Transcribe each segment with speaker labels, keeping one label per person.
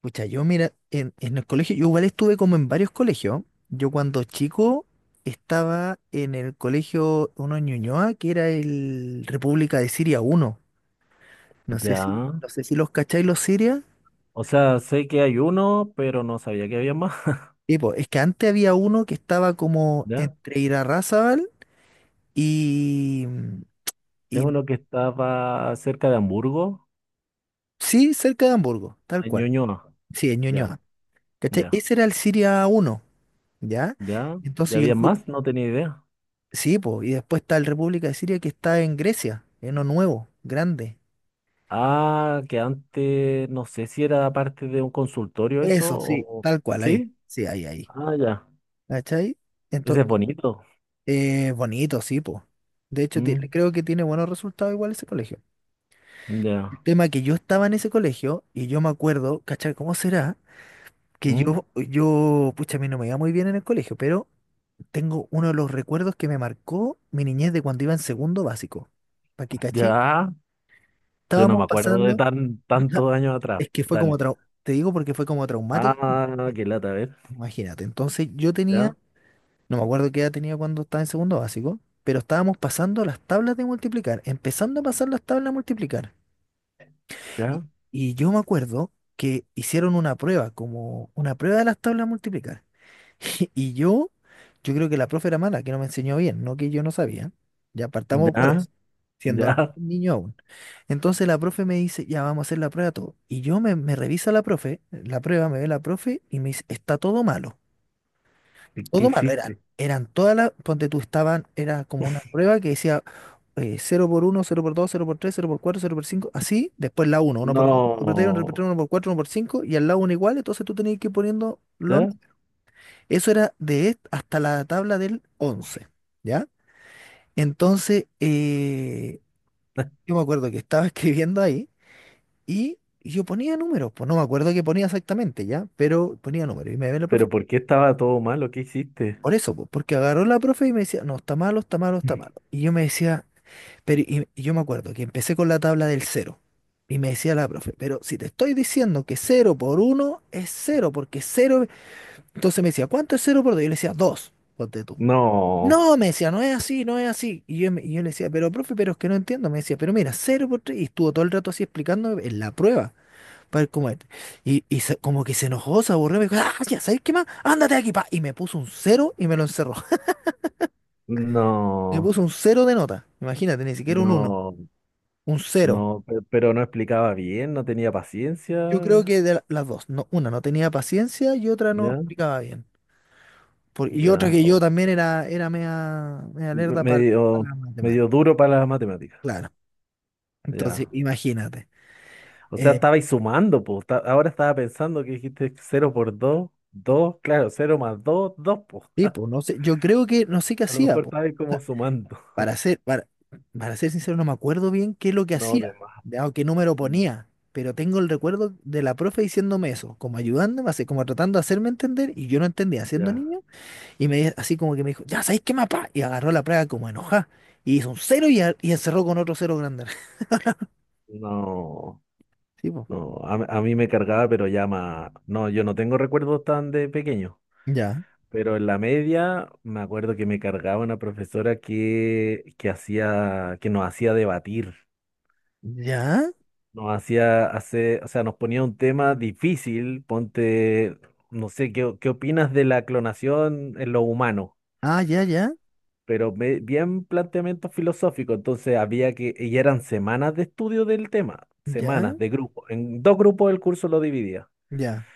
Speaker 1: Pucha, yo mira, en el colegio, yo igual estuve como en varios colegios. Yo cuando chico estaba en el colegio uno en Ñuñoa, que era el República de Siria uno. No sé si,
Speaker 2: Ya.
Speaker 1: no sé si los cacháis los Siria.
Speaker 2: O sea, sé que hay uno, pero no sabía que había más.
Speaker 1: Y pues, es que antes había uno que estaba como
Speaker 2: Ya.
Speaker 1: entre Irarrázaval y,
Speaker 2: Es
Speaker 1: y
Speaker 2: uno que estaba cerca de Hamburgo,
Speaker 1: sí, cerca de Hamburgo, tal
Speaker 2: en
Speaker 1: cual.
Speaker 2: Ñuñoa.
Speaker 1: Sí, en
Speaker 2: Ya,
Speaker 1: Ñuñoa. ¿Cachai?
Speaker 2: ya,
Speaker 1: Ese era el Siria uno, ¿ya?
Speaker 2: ya. ¿Ya
Speaker 1: Entonces yo
Speaker 2: había
Speaker 1: fui.
Speaker 2: más? No tenía idea.
Speaker 1: Sí, po, y después está el República de Siria que está en Grecia, en lo nuevo, grande.
Speaker 2: Ah, que antes no sé si era parte de un consultorio eso
Speaker 1: Eso, sí,
Speaker 2: o...
Speaker 1: tal cual, ahí.
Speaker 2: ¿Sí?
Speaker 1: Sí, ahí, ahí.
Speaker 2: Ah, ya.
Speaker 1: ¿Cachai?
Speaker 2: Ese
Speaker 1: Entonces,
Speaker 2: es bonito.
Speaker 1: bonito, sí, po. De hecho,
Speaker 2: Mm,
Speaker 1: creo que tiene buenos resultados igual ese colegio. El
Speaker 2: ya.
Speaker 1: tema que yo estaba en ese colegio y yo me acuerdo, ¿cachai? ¿Cómo será? Que
Speaker 2: Mm,
Speaker 1: yo, pucha, a mí no me iba muy bien en el colegio, pero tengo uno de los recuerdos que me marcó mi niñez de cuando iba en segundo básico. Para que cachí,
Speaker 2: ya. Yo no
Speaker 1: estábamos
Speaker 2: me acuerdo de
Speaker 1: pasando.
Speaker 2: tantos años atrás.
Speaker 1: Es que fue como
Speaker 2: Dale.
Speaker 1: te digo porque fue como traumático.
Speaker 2: Ah, qué lata, a ver.
Speaker 1: Imagínate. Entonces yo
Speaker 2: Ya,
Speaker 1: tenía, no me acuerdo qué edad tenía cuando estaba en segundo básico, pero estábamos pasando las tablas de multiplicar, empezando a pasar las tablas de multiplicar. Y,
Speaker 2: ya,
Speaker 1: y yo me acuerdo que hicieron una prueba, como una prueba de las tablas de multiplicar. Y yo creo que la profe era mala, que no me enseñó bien, no que yo no sabía. Ya partamos por
Speaker 2: ya,
Speaker 1: eso, siendo un
Speaker 2: ya.
Speaker 1: niño aún. Entonces la profe me dice, ya vamos a hacer la prueba todo. Y yo me revisa la profe, la prueba, me ve la profe y me dice, está todo malo.
Speaker 2: ¿Qué
Speaker 1: Todo malo eran.
Speaker 2: hiciste?
Speaker 1: Eran todas las, ponte tú, estaban, era como una prueba que decía 0 por uno cero por dos cero por tres cero por cuatro cero por 5 así, después la uno uno por dos 1 por 3, 1 por cuatro
Speaker 2: No,
Speaker 1: uno por 4, 1 por 5, y al lado uno igual, entonces tú tenías que ir poniendo los
Speaker 2: ¿ya?
Speaker 1: eso era de est- hasta la tabla del 11, ¿ya? Entonces, yo me acuerdo que estaba escribiendo ahí y yo ponía números, pues no me acuerdo qué ponía exactamente, ¿ya? Pero ponía números y me ve la profe.
Speaker 2: ¿Pero por qué estaba todo malo? ¿Qué hiciste?
Speaker 1: Por eso, pues, porque agarró la profe y me decía, no, está malo, está malo, está malo. Y yo me decía, pero y yo me acuerdo que empecé con la tabla del cero. Y me decía la profe, pero si te estoy diciendo que cero por uno es cero, porque cero. Entonces me decía, ¿cuánto es cero por dos? Yo le decía, dos, ponte tú.
Speaker 2: No,
Speaker 1: No, me decía, no es así, no es así. Y yo le decía, pero profe, pero es que no entiendo. Me decía, pero mira, cero por tres. Y estuvo todo el rato así explicando en la prueba. Para ver cómo es. Y como que se enojó, se aburrió. Me dijo, ah, ya, ¿sabes qué más? Ándate de aquí, pa. Y me puso un cero y me lo encerró. Le
Speaker 2: no,
Speaker 1: puso un cero de nota. Imagínate, ni siquiera un uno.
Speaker 2: no,
Speaker 1: Un cero.
Speaker 2: no, pero no explicaba bien, no tenía
Speaker 1: Yo creo
Speaker 2: paciencia,
Speaker 1: que las dos. No, una no tenía paciencia y otra no
Speaker 2: ya,
Speaker 1: explicaba bien. Y otra
Speaker 2: ya,
Speaker 1: que yo
Speaker 2: oh,
Speaker 1: también era media, media lerda para
Speaker 2: medio,
Speaker 1: las
Speaker 2: medio
Speaker 1: matemáticas.
Speaker 2: duro para las matemáticas,
Speaker 1: Claro. Entonces,
Speaker 2: ya.
Speaker 1: imagínate.
Speaker 2: O sea,
Speaker 1: Eh,
Speaker 2: estabais sumando, pues, ahora estaba pensando que dijiste cero por 2, 2. Claro, cero más 2, dos, pues.
Speaker 1: Sí,
Speaker 2: A
Speaker 1: pues, no sé, yo creo que no sé qué
Speaker 2: lo
Speaker 1: hacía,
Speaker 2: mejor
Speaker 1: pues.
Speaker 2: estabais como sumando,
Speaker 1: Para ser, para, para ser sincero, no me acuerdo bien qué es lo que
Speaker 2: no, de
Speaker 1: hacía,
Speaker 2: más,
Speaker 1: ya, o qué número ponía, pero tengo el recuerdo de la profe diciéndome eso, como ayudándome, así como tratando de hacerme entender, y yo no entendía siendo
Speaker 2: ya,
Speaker 1: niño, y así como que me dijo, ya sabéis qué mapa, y agarró la plaga como enojada, y hizo un cero y encerró con otro cero grande.
Speaker 2: no.
Speaker 1: Sí, po.
Speaker 2: No, a mí me cargaba, pero ya más. No, yo no tengo recuerdos tan de pequeño,
Speaker 1: Ya,
Speaker 2: pero en la media me acuerdo que me cargaba una profesora que, que nos hacía debatir,
Speaker 1: ya,
Speaker 2: nos hacía hacer, o sea, nos ponía un tema difícil, ponte, no sé, ¿qué, qué opinas de la clonación en lo humano?
Speaker 1: ah, ya, ya,
Speaker 2: Pero bien planteamiento filosófico, entonces había que, y eran semanas de estudio del tema,
Speaker 1: ya,
Speaker 2: semanas de grupo, en dos grupos el curso lo dividía.
Speaker 1: ya,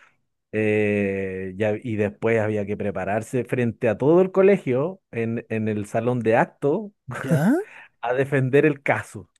Speaker 2: Y después había que prepararse frente a todo el colegio en el salón de acto
Speaker 1: ya.
Speaker 2: a defender el caso.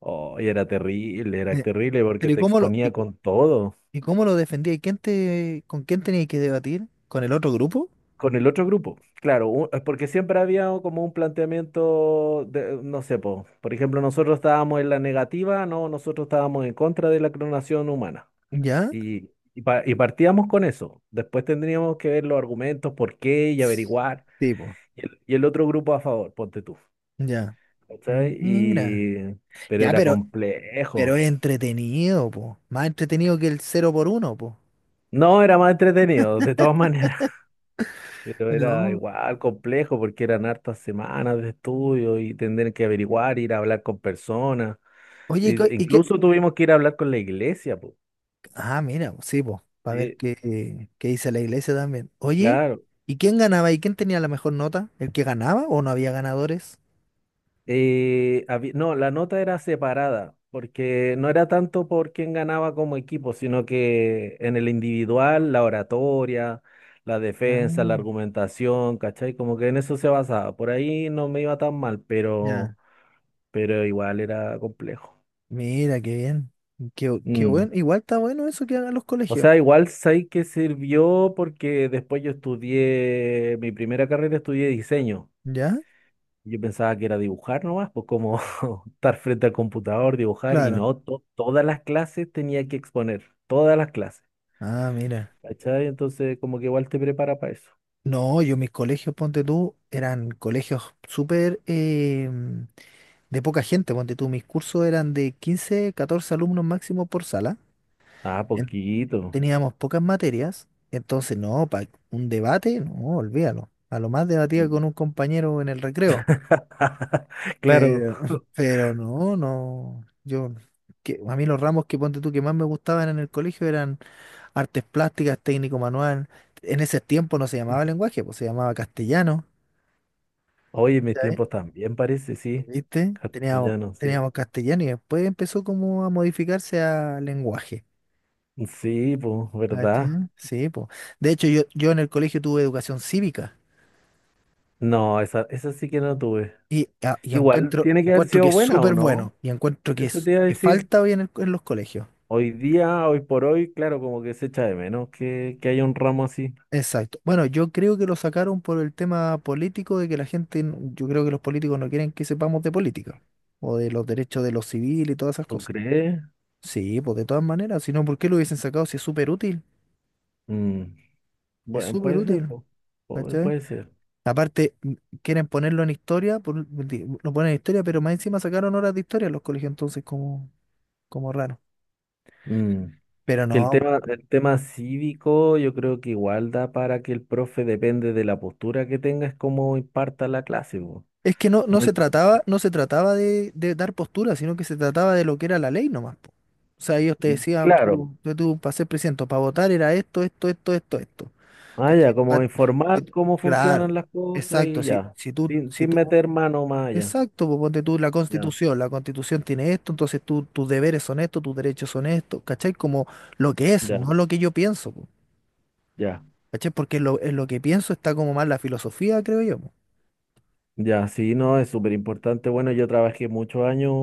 Speaker 2: Oh, y era
Speaker 1: Eh,
Speaker 2: terrible porque
Speaker 1: Pero ¿y
Speaker 2: te
Speaker 1: cómo lo,
Speaker 2: exponía
Speaker 1: y
Speaker 2: con todo,
Speaker 1: ¿Y cómo lo defendía? ¿Con quién tenías que debatir? ¿Con el otro grupo?
Speaker 2: con el otro grupo. Claro, es porque siempre había o como un planteamiento de, no sé, po, por ejemplo, nosotros estábamos en la negativa, no, nosotros estábamos en contra de la clonación humana.
Speaker 1: ¿Ya?
Speaker 2: Y, y partíamos con eso. Después tendríamos que ver los argumentos, por qué y averiguar.
Speaker 1: Sí, po.
Speaker 2: Y el otro grupo a favor, ponte tú.
Speaker 1: Ya.
Speaker 2: ¿Cachai?
Speaker 1: Mira.
Speaker 2: Y... Pero
Speaker 1: Ya,
Speaker 2: era
Speaker 1: pero,
Speaker 2: complejo.
Speaker 1: pero es entretenido, po. Más entretenido que el cero por uno, po.
Speaker 2: No, era más entretenido, de todas maneras. Pero era
Speaker 1: No.
Speaker 2: igual complejo porque eran hartas semanas de estudio y tener que averiguar, ir a hablar con personas.
Speaker 1: Oye, ¿y qué?
Speaker 2: Incluso tuvimos que ir a hablar con la iglesia, pues.
Speaker 1: Ah, mira, sí, po. Para ver
Speaker 2: Sí,
Speaker 1: qué dice la iglesia también. Oye,
Speaker 2: claro.
Speaker 1: ¿y quién ganaba? ¿Y quién tenía la mejor nota? ¿El que ganaba o no había ganadores?
Speaker 2: No, la nota era separada, porque no era tanto por quién ganaba como equipo, sino que en el individual, la oratoria, la defensa, la
Speaker 1: Ah,
Speaker 2: argumentación, ¿cachai? Como que en eso se basaba. Por ahí no me iba tan mal,
Speaker 1: ya.
Speaker 2: pero igual era complejo.
Speaker 1: Mira, qué bien. Qué
Speaker 2: Mm.
Speaker 1: bueno. Igual está bueno eso que hagan los
Speaker 2: O
Speaker 1: colegios.
Speaker 2: sea, igual sé que sirvió porque después mi primera carrera estudié diseño.
Speaker 1: ¿Ya?
Speaker 2: Yo pensaba que era dibujar nomás, pues, como estar frente al computador, dibujar, y
Speaker 1: Claro.
Speaker 2: no, todas las clases tenía que exponer, todas las clases,
Speaker 1: Ah, mira.
Speaker 2: ¿cachai? Entonces, como que igual te prepara para eso.
Speaker 1: No, yo mis colegios, ponte tú, eran colegios súper de poca gente, ponte tú. Mis cursos eran de 15, 14 alumnos máximo por sala.
Speaker 2: Ah,
Speaker 1: en-
Speaker 2: poquito.
Speaker 1: Teníamos pocas materias, entonces no, para un debate, no, olvídalo. A lo más debatía
Speaker 2: Mm.
Speaker 1: con un compañero en el recreo.
Speaker 2: Claro.
Speaker 1: Pero, pero no, no. A mí los ramos que ponte tú que más me gustaban en el colegio eran artes plásticas, técnico manual. En ese tiempo no se llamaba lenguaje, pues se llamaba castellano,
Speaker 2: Oye, mis
Speaker 1: ¿cachai?
Speaker 2: tiempos también parece, sí.
Speaker 1: ¿Viste? Teníamos,
Speaker 2: Castellano, sí.
Speaker 1: teníamos castellano y después empezó como a modificarse a lenguaje.
Speaker 2: Sí, pues, ¿verdad?
Speaker 1: ¿Cachai? Sí, pues. De hecho, yo en el colegio tuve educación cívica
Speaker 2: No, esa sí que no tuve.
Speaker 1: y
Speaker 2: Igual
Speaker 1: encuentro,
Speaker 2: tiene que haber
Speaker 1: encuentro que
Speaker 2: sido
Speaker 1: es
Speaker 2: buena o
Speaker 1: súper
Speaker 2: no.
Speaker 1: bueno y encuentro que,
Speaker 2: Eso
Speaker 1: es,
Speaker 2: te iba a
Speaker 1: que
Speaker 2: decir.
Speaker 1: falta hoy en los colegios.
Speaker 2: Hoy día, hoy por hoy, claro, como que se echa de menos que haya un ramo así.
Speaker 1: Exacto. Bueno, yo creo que lo sacaron por el tema político de que la gente, yo creo que los políticos no quieren que sepamos de política o de los derechos de los civiles y todas esas
Speaker 2: ¿Tú
Speaker 1: cosas.
Speaker 2: crees?
Speaker 1: Sí, pues de todas maneras, si no, ¿por qué lo hubiesen sacado si es súper útil?
Speaker 2: Mm,
Speaker 1: Es
Speaker 2: bueno,
Speaker 1: súper
Speaker 2: puede ser,
Speaker 1: útil,
Speaker 2: po-
Speaker 1: ¿cachai?
Speaker 2: puede ser.
Speaker 1: Aparte, quieren ponerlo en historia, lo ponen en historia, pero más encima sacaron horas de historia en los colegios, entonces como raro.
Speaker 2: Mm,
Speaker 1: Pero
Speaker 2: que
Speaker 1: no,
Speaker 2: el tema cívico, yo creo que igual da para que el profe, depende de la postura que tenga, es cómo imparta la clase, po.
Speaker 1: es que no, no se
Speaker 2: Muy
Speaker 1: trataba, no se trataba de, de dar postura, sino que se trataba de lo que era la ley nomás, po. O sea, ellos te decían,
Speaker 2: claro.
Speaker 1: tú, para ser presidente, para votar era esto, esto, esto, esto, esto.
Speaker 2: Ah, ya,
Speaker 1: ¿Cachai? Pa-
Speaker 2: como
Speaker 1: si
Speaker 2: informar
Speaker 1: tú-
Speaker 2: cómo funcionan
Speaker 1: claro,
Speaker 2: las cosas
Speaker 1: exacto.
Speaker 2: y
Speaker 1: Si,
Speaker 2: ya.
Speaker 1: si tú,
Speaker 2: Sin,
Speaker 1: si
Speaker 2: sin
Speaker 1: tú,
Speaker 2: meter mano más allá.
Speaker 1: exacto, pues ponte tú la
Speaker 2: Ya,
Speaker 1: constitución, la constitución tiene esto, entonces tú, tus deberes son estos, tus derechos son estos, ¿cachai? Como lo que es,
Speaker 2: ya,
Speaker 1: no lo que yo pienso, po,
Speaker 2: ya.
Speaker 1: ¿cachai? Porque en lo que pienso está como más la filosofía, creo yo, po.
Speaker 2: Ya, sí, no, es súper importante. Bueno, yo trabajé muchos años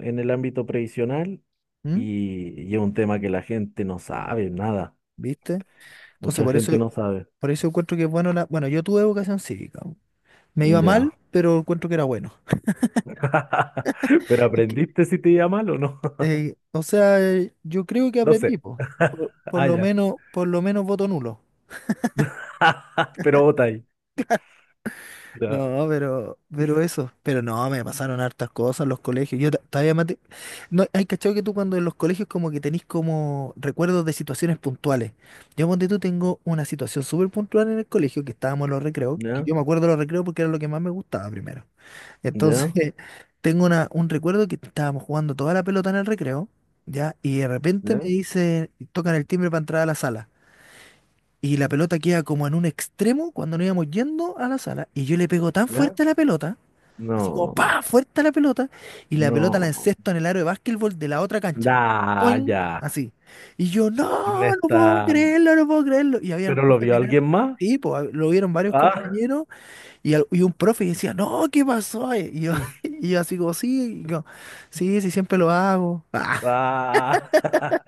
Speaker 2: en el ámbito previsional
Speaker 1: ¿Mm?
Speaker 2: y es un tema que la gente no sabe nada.
Speaker 1: ¿Viste? Entonces,
Speaker 2: Mucha
Speaker 1: por eso.
Speaker 2: gente no sabe.
Speaker 1: Por eso encuentro que es bueno la. Bueno, yo tuve educación cívica. Me iba mal,
Speaker 2: Ya.
Speaker 1: pero encuentro que era bueno.
Speaker 2: Pero
Speaker 1: Es que,
Speaker 2: aprendiste si te iba mal o no.
Speaker 1: o sea, yo creo que
Speaker 2: No
Speaker 1: aprendí,
Speaker 2: sé.
Speaker 1: po. Por, por
Speaker 2: Ah,
Speaker 1: lo
Speaker 2: ya.
Speaker 1: menos, por lo menos voto nulo.
Speaker 2: Pero vota ahí. Ya.
Speaker 1: No, pero eso. Pero no, me pasaron hartas cosas en los colegios. Yo todavía mate. No, hay cachado que tú cuando en los colegios como que tenés como recuerdos de situaciones puntuales. Yo ponte tú tengo una situación súper puntual en el colegio, que estábamos en los recreos, que
Speaker 2: Ya.
Speaker 1: yo me acuerdo de los recreos porque era lo que más me gustaba primero. Entonces,
Speaker 2: Ya.
Speaker 1: tengo un recuerdo que estábamos jugando toda la pelota en el recreo, ¿ya? Y de repente me
Speaker 2: Ya.
Speaker 1: dice, tocan el timbre para entrar a la sala. Y la pelota queda como en un extremo cuando nos íbamos yendo a la sala. Y yo le pego tan
Speaker 2: Ya.
Speaker 1: fuerte a la pelota, así como
Speaker 2: No.
Speaker 1: ¡pa! Fuerte a la pelota. Y la pelota la
Speaker 2: No.
Speaker 1: encesto en el aro de básquetbol de la otra cancha.
Speaker 2: Da, ya.
Speaker 1: Así. Y yo,
Speaker 2: Me
Speaker 1: no, no puedo
Speaker 2: está.
Speaker 1: creerlo, no puedo creerlo. Y había un
Speaker 2: ¿Pero lo
Speaker 1: profe
Speaker 2: vio
Speaker 1: mirar.
Speaker 2: alguien más?
Speaker 1: Sí, pues lo vieron varios
Speaker 2: Ah.
Speaker 1: compañeros y un profe decía, no, ¿qué pasó? Y yo, y yo así como, sí, y yo, sí, sí, siempre lo hago. Ah,
Speaker 2: Ah.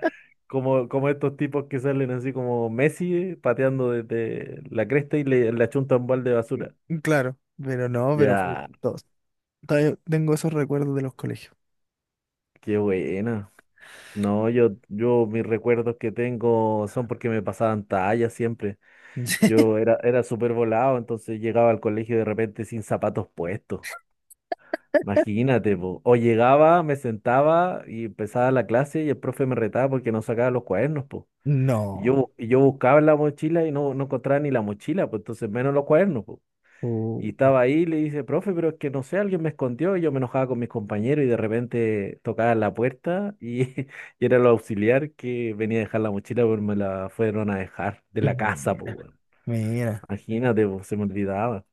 Speaker 2: Como, como estos tipos que salen así como Messi, pateando desde la cresta y le achunta un balde de basura.
Speaker 1: claro, pero no, pero fue
Speaker 2: Ya,
Speaker 1: todo. Todavía tengo esos recuerdos de los colegios.
Speaker 2: qué buena. No, yo mis recuerdos que tengo son porque me pasaban tallas siempre. Yo era, era súper volado, entonces llegaba al colegio de repente sin zapatos puestos. Imagínate, po. O llegaba, me sentaba y empezaba la clase y el profe me retaba porque no sacaba los cuadernos, po.
Speaker 1: No.
Speaker 2: Y yo buscaba en la mochila y no, no encontraba ni la mochila, pues entonces menos los cuadernos, y
Speaker 1: Uh,
Speaker 2: estaba ahí y le dice, profe, pero es que no sé, alguien me escondió y yo me enojaba con mis compañeros y de repente tocaba la puerta y, y era el auxiliar que venía a dejar la mochila, pero me la fueron a dejar de la casa, pues,
Speaker 1: Mira,
Speaker 2: weón.
Speaker 1: mira.
Speaker 2: Imagínate, pues, se me olvidaba.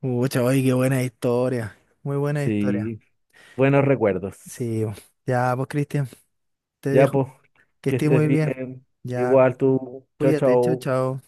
Speaker 1: Pucha, oye, qué buena historia. Muy buena historia.
Speaker 2: Sí, buenos recuerdos.
Speaker 1: Sí, ya, pues, Cristian, te
Speaker 2: Ya,
Speaker 1: dejo.
Speaker 2: pues,
Speaker 1: Que
Speaker 2: que
Speaker 1: estés
Speaker 2: estés
Speaker 1: muy bien.
Speaker 2: bien.
Speaker 1: Ya,
Speaker 2: Igual tú, chao,
Speaker 1: cuídate, chao,
Speaker 2: chao.
Speaker 1: chao.